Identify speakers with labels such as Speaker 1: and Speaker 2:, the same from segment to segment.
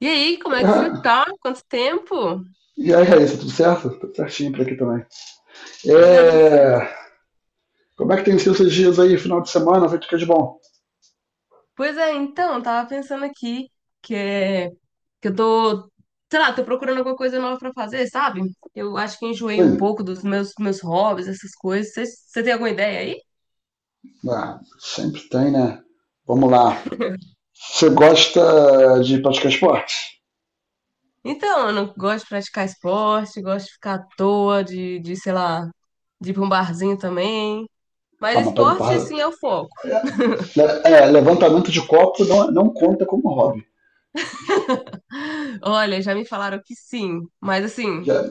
Speaker 1: E aí, como é que você
Speaker 2: Ah,
Speaker 1: tá? Quanto tempo?
Speaker 2: e aí, Raíssa, tudo certo? Tudo certinho por aqui também.
Speaker 1: Pois é, tudo certo.
Speaker 2: É, Como é que tem sido esses dias aí, final de semana? Feito o que é de bom?
Speaker 1: Pois é, então, eu tava pensando aqui que, que eu tô, sei lá, tô procurando alguma coisa nova pra fazer, sabe? Eu acho que enjoei um
Speaker 2: Sim,
Speaker 1: pouco dos meus hobbies, essas coisas. Você tem alguma ideia aí?
Speaker 2: sempre tem, né? Vamos lá. Você gosta de praticar esporte?
Speaker 1: Então, eu não gosto de praticar esporte, gosto de ficar à toa, sei lá, de ir pra um barzinho também.
Speaker 2: Ah,
Speaker 1: Mas
Speaker 2: mas
Speaker 1: esporte, assim, é o foco.
Speaker 2: levantamento de copo não, conta como hobby.
Speaker 1: Olha, já me falaram que sim, mas assim,
Speaker 2: Já-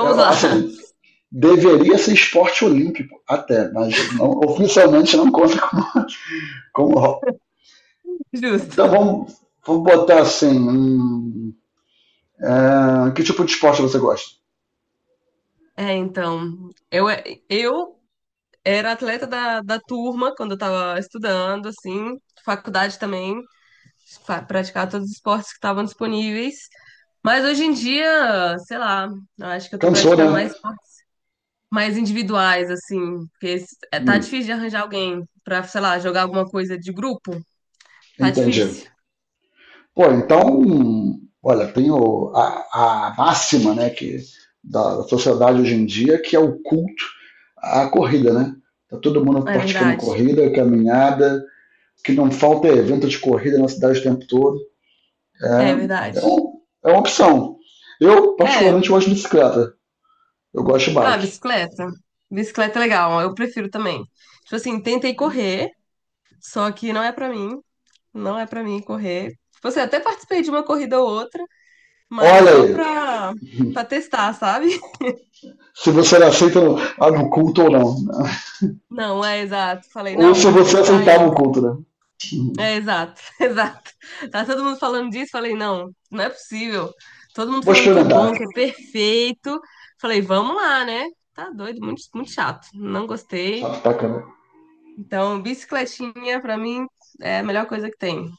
Speaker 1: lá,
Speaker 2: assim, deveria ser esporte olímpico até, mas oficialmente não conta como, hobby. Então
Speaker 1: justo.
Speaker 2: vamos botar assim, que tipo de esporte você gosta?
Speaker 1: Então, eu era atleta da turma quando eu tava estudando, assim, faculdade também, praticava todos os esportes que estavam disponíveis. Mas hoje em dia, sei lá, eu acho que eu tô
Speaker 2: Cansou,
Speaker 1: praticando
Speaker 2: né?
Speaker 1: mais esportes mais individuais, assim, porque tá
Speaker 2: Hum,
Speaker 1: difícil de arranjar alguém pra, sei lá, jogar alguma coisa de grupo. Tá
Speaker 2: Entendi.
Speaker 1: difícil.
Speaker 2: Pô, então, olha, tem a, máxima, né, que da sociedade hoje em dia, que é o culto à corrida, né? Tá todo mundo
Speaker 1: É
Speaker 2: praticando
Speaker 1: verdade.
Speaker 2: corrida, caminhada, o que não falta é evento de corrida na cidade o tempo todo.
Speaker 1: É
Speaker 2: É,
Speaker 1: verdade.
Speaker 2: É uma opção. Eu, particularmente,
Speaker 1: É.
Speaker 2: gosto de bicicleta. Eu gosto de
Speaker 1: Ah,
Speaker 2: bike.
Speaker 1: bicicleta. Bicicleta é legal, eu prefiro também. Tipo assim, tentei correr. Só que não é pra mim, não é pra mim correr. Tipo assim, até participei de uma corrida ou outra, mas
Speaker 2: Olha
Speaker 1: só
Speaker 2: aí,
Speaker 1: pra, pra testar, sabe?
Speaker 2: se você aceita no culto ou não.
Speaker 1: Não, é exato. Falei,
Speaker 2: Ou
Speaker 1: não,
Speaker 2: se
Speaker 1: vamos
Speaker 2: você
Speaker 1: testar aí.
Speaker 2: aceitava o culto, né?
Speaker 1: É exato, exato. Tá todo mundo falando disso, falei, não, não é possível. Todo mundo
Speaker 2: Vou
Speaker 1: falando que é bom,
Speaker 2: experimentar.
Speaker 1: que é perfeito. Falei, vamos lá, né? Tá doido, muito, muito chato. Não
Speaker 2: Só
Speaker 1: gostei.
Speaker 2: bacana.
Speaker 1: Então, bicicletinha pra mim é a melhor coisa que tem.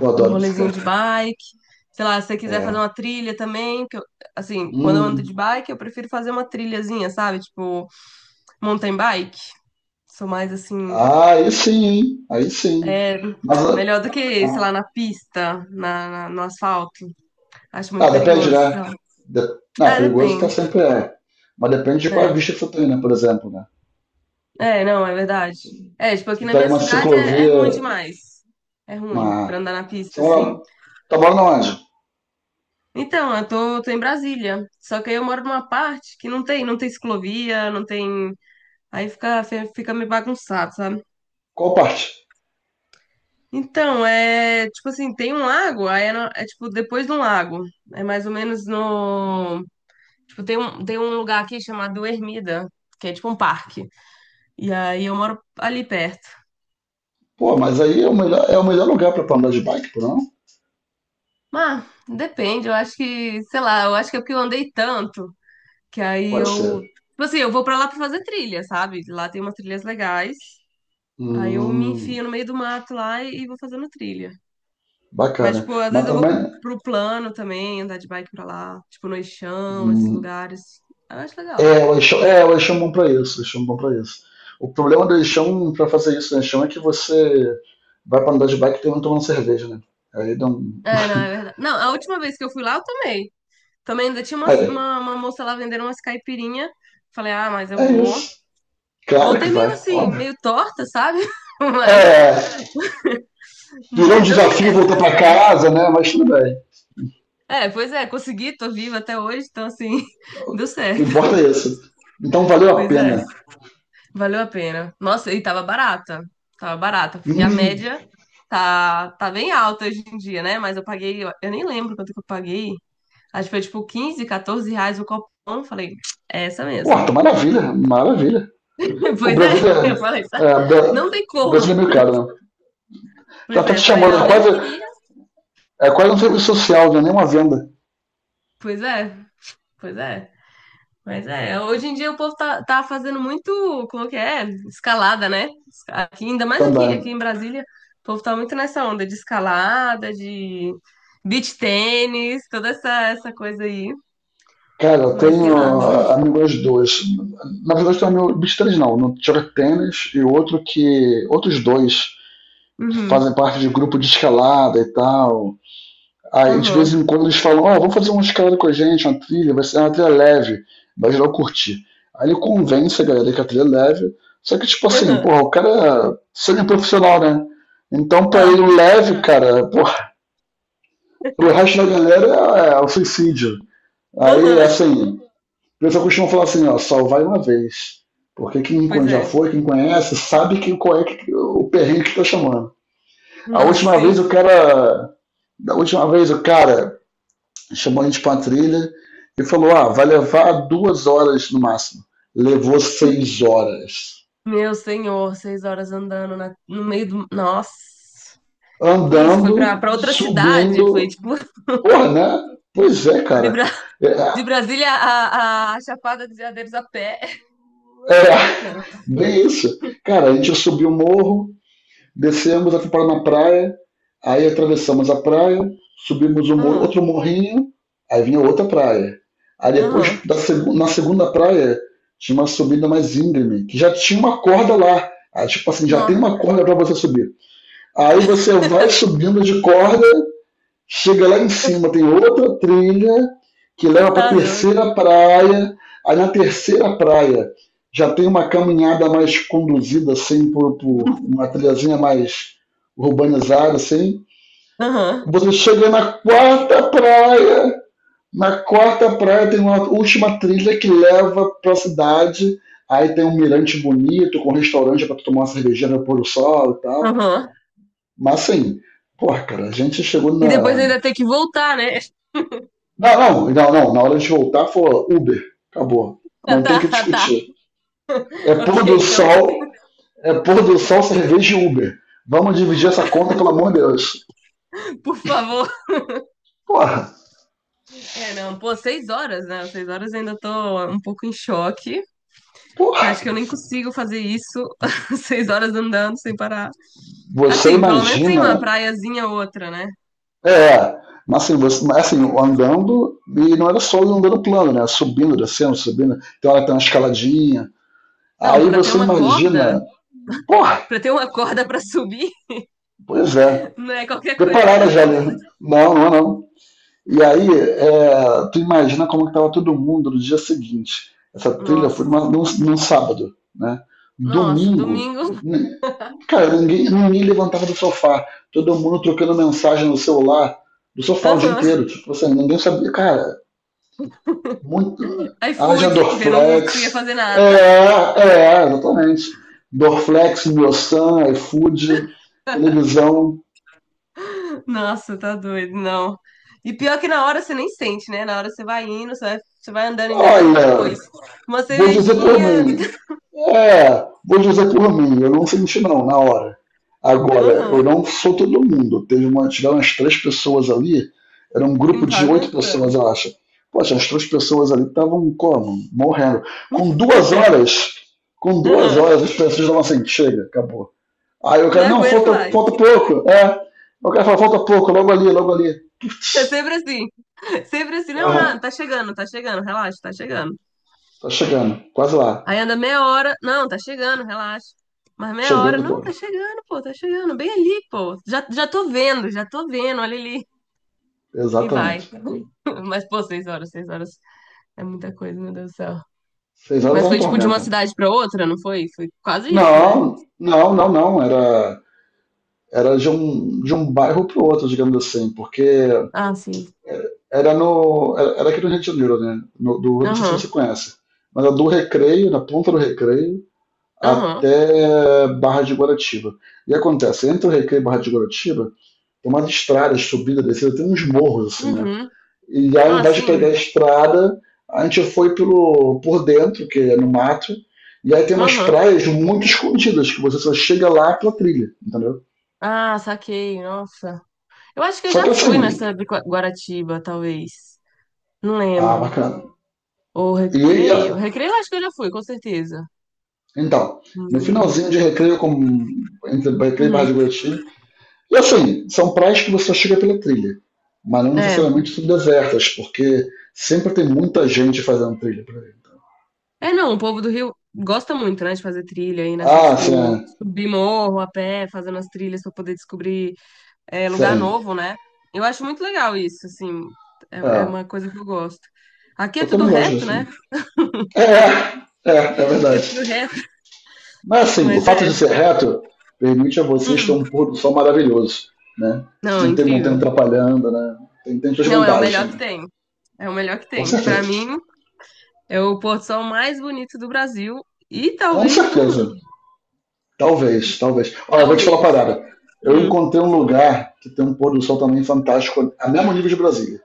Speaker 2: Eu
Speaker 1: Um
Speaker 2: adoro
Speaker 1: rolezinho de
Speaker 2: bicicleta.
Speaker 1: bike. Sei lá, se você quiser fazer
Speaker 2: É.
Speaker 1: uma trilha também, assim, quando eu
Speaker 2: Hum.
Speaker 1: ando de bike, eu prefiro fazer uma trilhazinha, sabe? Tipo, mountain bike. Sou mais assim,
Speaker 2: Ah, aí sim, hein? Aí sim.
Speaker 1: é
Speaker 2: Mas.
Speaker 1: melhor do que, sei
Speaker 2: Ah,
Speaker 1: lá, na pista, no asfalto. Acho
Speaker 2: ah,
Speaker 1: muito
Speaker 2: depende,
Speaker 1: perigoso, sei
Speaker 2: né?
Speaker 1: lá.
Speaker 2: De... Não,
Speaker 1: É,
Speaker 2: perigoso tá
Speaker 1: depende,
Speaker 2: sempre é. Mas depende de qual
Speaker 1: né?
Speaker 2: vista que você tem, né? Por exemplo, né?
Speaker 1: É, não, é verdade. É, tipo, aqui
Speaker 2: Você
Speaker 1: na
Speaker 2: pega
Speaker 1: minha
Speaker 2: uma
Speaker 1: cidade é
Speaker 2: ciclovia,
Speaker 1: ruim demais. É ruim
Speaker 2: uma.
Speaker 1: pra andar na pista,
Speaker 2: São
Speaker 1: assim.
Speaker 2: Paulo, tá morando onde?
Speaker 1: Então, eu tô em Brasília. Só que aí eu moro numa parte que não tem ciclovia, não tem. Aí fica, fica meio bagunçado, sabe?
Speaker 2: Qual parte?
Speaker 1: Então, é tipo assim, tem um lago, aí é, no- é, tipo depois de um lago. É mais ou menos no. Tipo, tem um lugar aqui chamado Ermida, que é tipo um parque. E aí eu moro ali perto.
Speaker 2: Pô, mas aí é o melhor lugar pra tu andar de bike, por não?
Speaker 1: Mas, depende, eu acho que, sei lá, eu acho que é porque eu andei tanto, que aí
Speaker 2: Pode
Speaker 1: eu.
Speaker 2: ser.
Speaker 1: Tipo assim, eu vou pra lá pra fazer trilha, sabe? Lá tem umas trilhas legais. Aí eu me
Speaker 2: Hum,
Speaker 1: enfio no meio do mato lá e vou fazendo trilha. Mas,
Speaker 2: Bacana.
Speaker 1: tipo, às
Speaker 2: Mas
Speaker 1: vezes eu vou pro,
Speaker 2: também.
Speaker 1: pro plano também, andar de bike pra lá, tipo, no Eixão, esses
Speaker 2: hum,
Speaker 1: lugares. Eu acho legal.
Speaker 2: O Eixão, o Eixão é bom pra isso, o Eixão é bom pra isso. O problema do Eixão pra fazer isso no Eixão é que você vai pra andar de bike e termina tomando cerveja, né? Aí dá um.
Speaker 1: É, não, é verdade. Não, a última vez que eu fui lá, eu tomei. Também ainda tinha uma,
Speaker 2: Aí,
Speaker 1: uma, uma moça lá vendendo umas caipirinha. Falei, ah, mas eu
Speaker 2: é
Speaker 1: vou.
Speaker 2: isso. Claro que
Speaker 1: Voltei meio
Speaker 2: vai,
Speaker 1: assim,
Speaker 2: óbvio.
Speaker 1: meio torta, sabe? Mas,
Speaker 2: É, Virou um
Speaker 1: mas deu
Speaker 2: desafio,
Speaker 1: certo,
Speaker 2: voltou
Speaker 1: deu
Speaker 2: pra
Speaker 1: certo.
Speaker 2: casa, né? Mas tudo bem.
Speaker 1: É, pois é, consegui, tô viva até hoje, então assim, deu
Speaker 2: O que
Speaker 1: certo.
Speaker 2: importa é isso. Então valeu a
Speaker 1: Pois é.
Speaker 2: pena.
Speaker 1: Valeu a pena. Nossa, e tava barata. Tava barata,
Speaker 2: E,
Speaker 1: porque a média tá bem alta hoje em dia, né? Mas eu paguei, eu nem lembro quanto que eu paguei. Acho que foi tipo 15, R$ 14 o copão. Falei, é essa mesmo.
Speaker 2: Porra, maravilha, maravilha. O
Speaker 1: Pois é,
Speaker 2: Brasil
Speaker 1: eu
Speaker 2: é.
Speaker 1: falei, "Tá,
Speaker 2: É Bra-
Speaker 1: não tem como.
Speaker 2: Brasil é meio caro, né? Já
Speaker 1: Pois
Speaker 2: tá te
Speaker 1: é, falei,
Speaker 2: chamando,
Speaker 1: não, nem queria.
Speaker 2: é quase um serviço social, não é nem uma venda
Speaker 1: Pois é, pois é. Mas é, hoje em dia o povo tá fazendo muito, como que é? Escalada, né? Esca- Aqui, ainda mais aqui, aqui
Speaker 2: também.
Speaker 1: em Brasília, o povo tá muito nessa onda de escalada, de beach tênis, toda essa coisa aí.
Speaker 2: Cara, eu
Speaker 1: Mas sei
Speaker 2: tenho
Speaker 1: lá.
Speaker 2: amigos dois. Na verdade, eu tenho amigo, bicho três não, no joga tênis e outro que. Outros dois que
Speaker 1: Uhum.
Speaker 2: fazem parte de grupo de escalada e tal. Aí de vez
Speaker 1: Aham.
Speaker 2: em quando eles falam, ó, vamos fazer uma escalada com a gente, uma trilha, vai ser uma trilha leve, vai geral curtir. Aí ele convence a galera que a trilha é leve, só que tipo assim,
Speaker 1: Aham.
Speaker 2: porra, o cara é semi-profissional, né? Então pra ele
Speaker 1: Ah.
Speaker 2: o leve, cara, porra, pro resto da galera é o suicídio. Aí,
Speaker 1: Aham.
Speaker 2: assim, o pessoal costuma falar assim, ó, só vai uma vez. Porque quem
Speaker 1: Pois
Speaker 2: já
Speaker 1: é.
Speaker 2: foi, quem conhece, sabe que qual é que, o perrengue que tá chamando. A
Speaker 1: Nossa,
Speaker 2: última
Speaker 1: sim.
Speaker 2: vez o cara. Da última vez o cara chamou a gente pra uma trilha e falou: ah, vai levar 2 horas no máximo. Levou 6 horas.
Speaker 1: Meu senhor, 6 horas andando no meio do. Nossa. Que isso? Foi
Speaker 2: Andando,
Speaker 1: pra, pra outra cidade? Foi
Speaker 2: subindo.
Speaker 1: tipo
Speaker 2: Porra, né? Pois é,
Speaker 1: de,
Speaker 2: cara. É,
Speaker 1: De Brasília a Chapada dos Veadeiros a pé.
Speaker 2: é bem isso. Cara, a gente subiu o morro, descemos a fomos na praia, aí atravessamos a praia, subimos um,
Speaker 1: Aham,
Speaker 2: outro morrinho, aí vinha outra praia. Aí depois,
Speaker 1: aham.
Speaker 2: na segunda praia, tinha uma subida mais íngreme, que já tinha uma corda lá. Aí, tipo assim, já tem
Speaker 1: Nossa,
Speaker 2: uma corda para você subir. Aí você vai subindo de corda. Chega lá em cima, tem outra trilha que leva para a
Speaker 1: tá doido.
Speaker 2: terceira praia. Aí na terceira praia já tem uma caminhada mais conduzida, assim, por uma trilhazinha mais urbanizada, assim.
Speaker 1: Aham,
Speaker 2: Você chega na quarta praia tem uma última trilha que leva para a cidade. Aí tem um mirante bonito, com restaurante para tomar uma cervejinha no pôr do sol e tal.
Speaker 1: aham.
Speaker 2: Mas assim, porra, cara, a gente chegou
Speaker 1: E depois
Speaker 2: na,
Speaker 1: ainda tem que voltar, né?
Speaker 2: não, não, não, não. Na hora de voltar, for Uber. Acabou.
Speaker 1: Tá,
Speaker 2: Não tem
Speaker 1: tá,
Speaker 2: que
Speaker 1: tá.
Speaker 2: discutir. É pôr
Speaker 1: Ok,
Speaker 2: do
Speaker 1: então,
Speaker 2: sol, é pôr do sol, cerveja e Uber. Vamos dividir essa conta, pelo amor de Deus.
Speaker 1: por favor.
Speaker 2: Porra,
Speaker 1: É, não, pô, 6 horas, né? 6 horas eu ainda tô um pouco em choque. Eu
Speaker 2: porra.
Speaker 1: acho que eu nem consigo fazer isso. 6 horas andando sem parar.
Speaker 2: Você
Speaker 1: Assim, pelo menos tem uma
Speaker 2: imagina.
Speaker 1: praiazinha ou outra, né?
Speaker 2: É. Mas assim, andando, e não era só andando plano, né? Subindo, descendo, subindo. Tem hora que tem uma escaladinha.
Speaker 1: Não,
Speaker 2: Aí
Speaker 1: pra ter
Speaker 2: você
Speaker 1: uma corda,
Speaker 2: imagina. Porra,
Speaker 1: pra ter uma corda pra subir,
Speaker 2: pois é.
Speaker 1: não é qualquer coisa,
Speaker 2: Preparada já,
Speaker 1: não.
Speaker 2: né? Não, não, não. E aí, tu imagina como que tava todo mundo no dia seguinte. Essa trilha foi
Speaker 1: Nossa,
Speaker 2: num sábado, né?
Speaker 1: nossa,
Speaker 2: Domingo,
Speaker 1: domingo.
Speaker 2: n- cara, ninguém levantava do sofá. Todo mundo trocando mensagem no celular do sofá o dia
Speaker 1: Aham.
Speaker 2: inteiro. Tipo assim, ninguém sabia. Cara, muito. Haja
Speaker 1: iFood, porque não, não conseguia
Speaker 2: Dorflex.
Speaker 1: fazer nada.
Speaker 2: Exatamente. Dorflex, Miosan, iFood, televisão.
Speaker 1: Nossa, tá doido, não. E pior que na hora você nem sente, né? Na hora você vai indo, você vai andando ainda mais
Speaker 2: Olha,
Speaker 1: depois. Uma
Speaker 2: vou dizer por
Speaker 1: cervejinha.
Speaker 2: mim, vou dizer por mim, eu não senti não, na hora. Agora, eu
Speaker 1: Aham.
Speaker 2: não sou todo mundo. Tiveram umas três pessoas ali, era um grupo
Speaker 1: Não tá
Speaker 2: de oito pessoas,
Speaker 1: aguentando.
Speaker 2: eu acho. Poxa, as três pessoas ali estavam como? Morrendo. Com duas horas, com duas
Speaker 1: Aham.
Speaker 2: horas, as pessoas estavam assim, chega, acabou. Aí o
Speaker 1: Não
Speaker 2: cara, não,
Speaker 1: aguento
Speaker 2: falta,
Speaker 1: mais.
Speaker 2: falta pouco. É. O cara fala, falta pouco, logo ali, logo ali.
Speaker 1: É
Speaker 2: Putz,
Speaker 1: sempre assim. Sempre assim. Não, não,
Speaker 2: ah,
Speaker 1: tá chegando, relaxa, tá chegando.
Speaker 2: tá chegando, quase lá.
Speaker 1: Aí anda meia hora. Não, tá chegando, relaxa. Mas meia hora,
Speaker 2: Chegando,
Speaker 1: não, tá
Speaker 2: pô.
Speaker 1: chegando, pô, tá chegando, bem ali, pô. Já, já tô vendo, olha ali. E vai.
Speaker 2: Exatamente.
Speaker 1: Mas, pô, 6 horas, 6 horas. É muita coisa, meu Deus do céu.
Speaker 2: 6 horas é
Speaker 1: Mas
Speaker 2: um
Speaker 1: foi tipo de uma
Speaker 2: tormenta.
Speaker 1: cidade pra outra, não foi? Foi quase isso, né?
Speaker 2: Não, não, não, não. Era de um bairro pro outro, digamos assim, porque
Speaker 1: Ah, sim.
Speaker 2: era aqui no Rio de Janeiro, né? Não sei se você
Speaker 1: Aham.
Speaker 2: conhece, mas era do Recreio, na ponta do Recreio,
Speaker 1: Aham.
Speaker 2: até Barra de Guaratiba. E acontece, entre o Recreio e Barra de Guaratiba, tem umas estradas, subida, descida, tem uns morros, assim, né?
Speaker 1: Uhum.
Speaker 2: E aí, ao
Speaker 1: Ah,
Speaker 2: invés de pegar
Speaker 1: sim.
Speaker 2: a estrada, a gente foi por dentro, que é no mato, e aí tem umas
Speaker 1: Aham.
Speaker 2: praias muito escondidas, que você só chega lá pela trilha, entendeu?
Speaker 1: Ah, saquei. Nossa. Eu acho que eu
Speaker 2: Só
Speaker 1: já
Speaker 2: que assim,
Speaker 1: fui nessa de Guaratiba, talvez. Não lembro.
Speaker 2: bacana.
Speaker 1: Ou
Speaker 2: E,
Speaker 1: Recreio.
Speaker 2: e
Speaker 1: Recreio eu acho que eu já fui, com certeza.
Speaker 2: então, no
Speaker 1: Hum.
Speaker 2: finalzinho de recreio, como entre recreio e Barra
Speaker 1: Uhum.
Speaker 2: de Guaratinga, e assim, são praias que você só chega pela trilha, mas não
Speaker 1: É.
Speaker 2: necessariamente são desertas, porque sempre tem muita gente fazendo trilha por aí.
Speaker 1: É, não, o povo do Rio gosta muito, né, de fazer trilha aí nessas,
Speaker 2: Ah,
Speaker 1: tipo, subir morro a pé, fazendo as trilhas pra poder descobrir é, lugar
Speaker 2: sim.
Speaker 1: novo, né? Eu acho muito legal isso, assim, é
Speaker 2: É,
Speaker 1: uma coisa que eu gosto. Aqui é
Speaker 2: eu
Speaker 1: tudo
Speaker 2: também gosto
Speaker 1: reto,
Speaker 2: disso.
Speaker 1: né?
Speaker 2: É
Speaker 1: Aqui é
Speaker 2: verdade.
Speaker 1: tudo reto,
Speaker 2: Mas assim, o
Speaker 1: mas
Speaker 2: fato
Speaker 1: é.
Speaker 2: de ser reto permite a vocês ter
Speaker 1: Hum,
Speaker 2: um pôr do sol maravilhoso, né?
Speaker 1: não,
Speaker 2: Não tem montanha
Speaker 1: incrível.
Speaker 2: atrapalhando, né? Tem suas
Speaker 1: Não, é o
Speaker 2: vantagens
Speaker 1: melhor que
Speaker 2: também.
Speaker 1: tem. É o melhor que
Speaker 2: Com
Speaker 1: tem. Pra
Speaker 2: certeza.
Speaker 1: mim, é o pôr do sol mais bonito do Brasil e
Speaker 2: Com
Speaker 1: talvez do
Speaker 2: certeza.
Speaker 1: mundo. E
Speaker 2: Talvez, talvez. Olha, eu vou te falar uma
Speaker 1: talvez.
Speaker 2: parada. Eu
Speaker 1: Uhum.
Speaker 2: encontrei um lugar que tem um pôr do sol também fantástico, a mesmo nível de Brasília,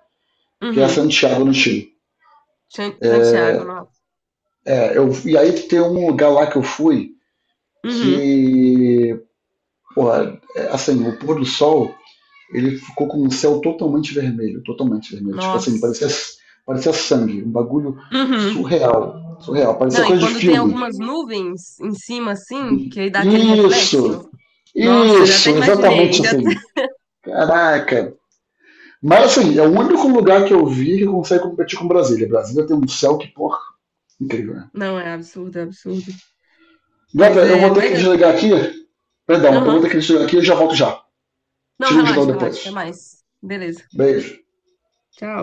Speaker 2: que é
Speaker 1: Uhum.
Speaker 2: Santiago, no Chile.
Speaker 1: Santiago,
Speaker 2: É,
Speaker 1: não.
Speaker 2: e aí tem um lugar lá que eu fui
Speaker 1: Uhum.
Speaker 2: que, porra, assim, o pôr do sol ele ficou com o céu totalmente vermelho, totalmente vermelho. Tipo assim,
Speaker 1: Nossa.
Speaker 2: parecia, sangue, um bagulho
Speaker 1: Uhum.
Speaker 2: surreal, surreal, parecia
Speaker 1: Não, e
Speaker 2: coisa de
Speaker 1: quando tem
Speaker 2: filme.
Speaker 1: algumas nuvens em cima, assim, que aí dá aquele
Speaker 2: Isso,
Speaker 1: reflexo. Nossa, já até
Speaker 2: isso,
Speaker 1: imaginei,
Speaker 2: exatamente
Speaker 1: já.
Speaker 2: assim. Caraca. Mas assim, é o único lugar que eu vi que consegue competir com Brasília. Brasília tem um céu que, porra, incrível, né?
Speaker 1: Não, é absurdo, é absurdo.
Speaker 2: Gata,
Speaker 1: Mas
Speaker 2: eu vou
Speaker 1: é,
Speaker 2: ter
Speaker 1: mas
Speaker 2: que
Speaker 1: é.
Speaker 2: desligar aqui. Perdão, eu vou
Speaker 1: Aham.
Speaker 2: ter que desligar aqui e já volto já.
Speaker 1: Não,
Speaker 2: Tiro o geral
Speaker 1: relaxa, relaxa. Até
Speaker 2: depois.
Speaker 1: mais. Beleza.
Speaker 2: Beijo.
Speaker 1: Tchau.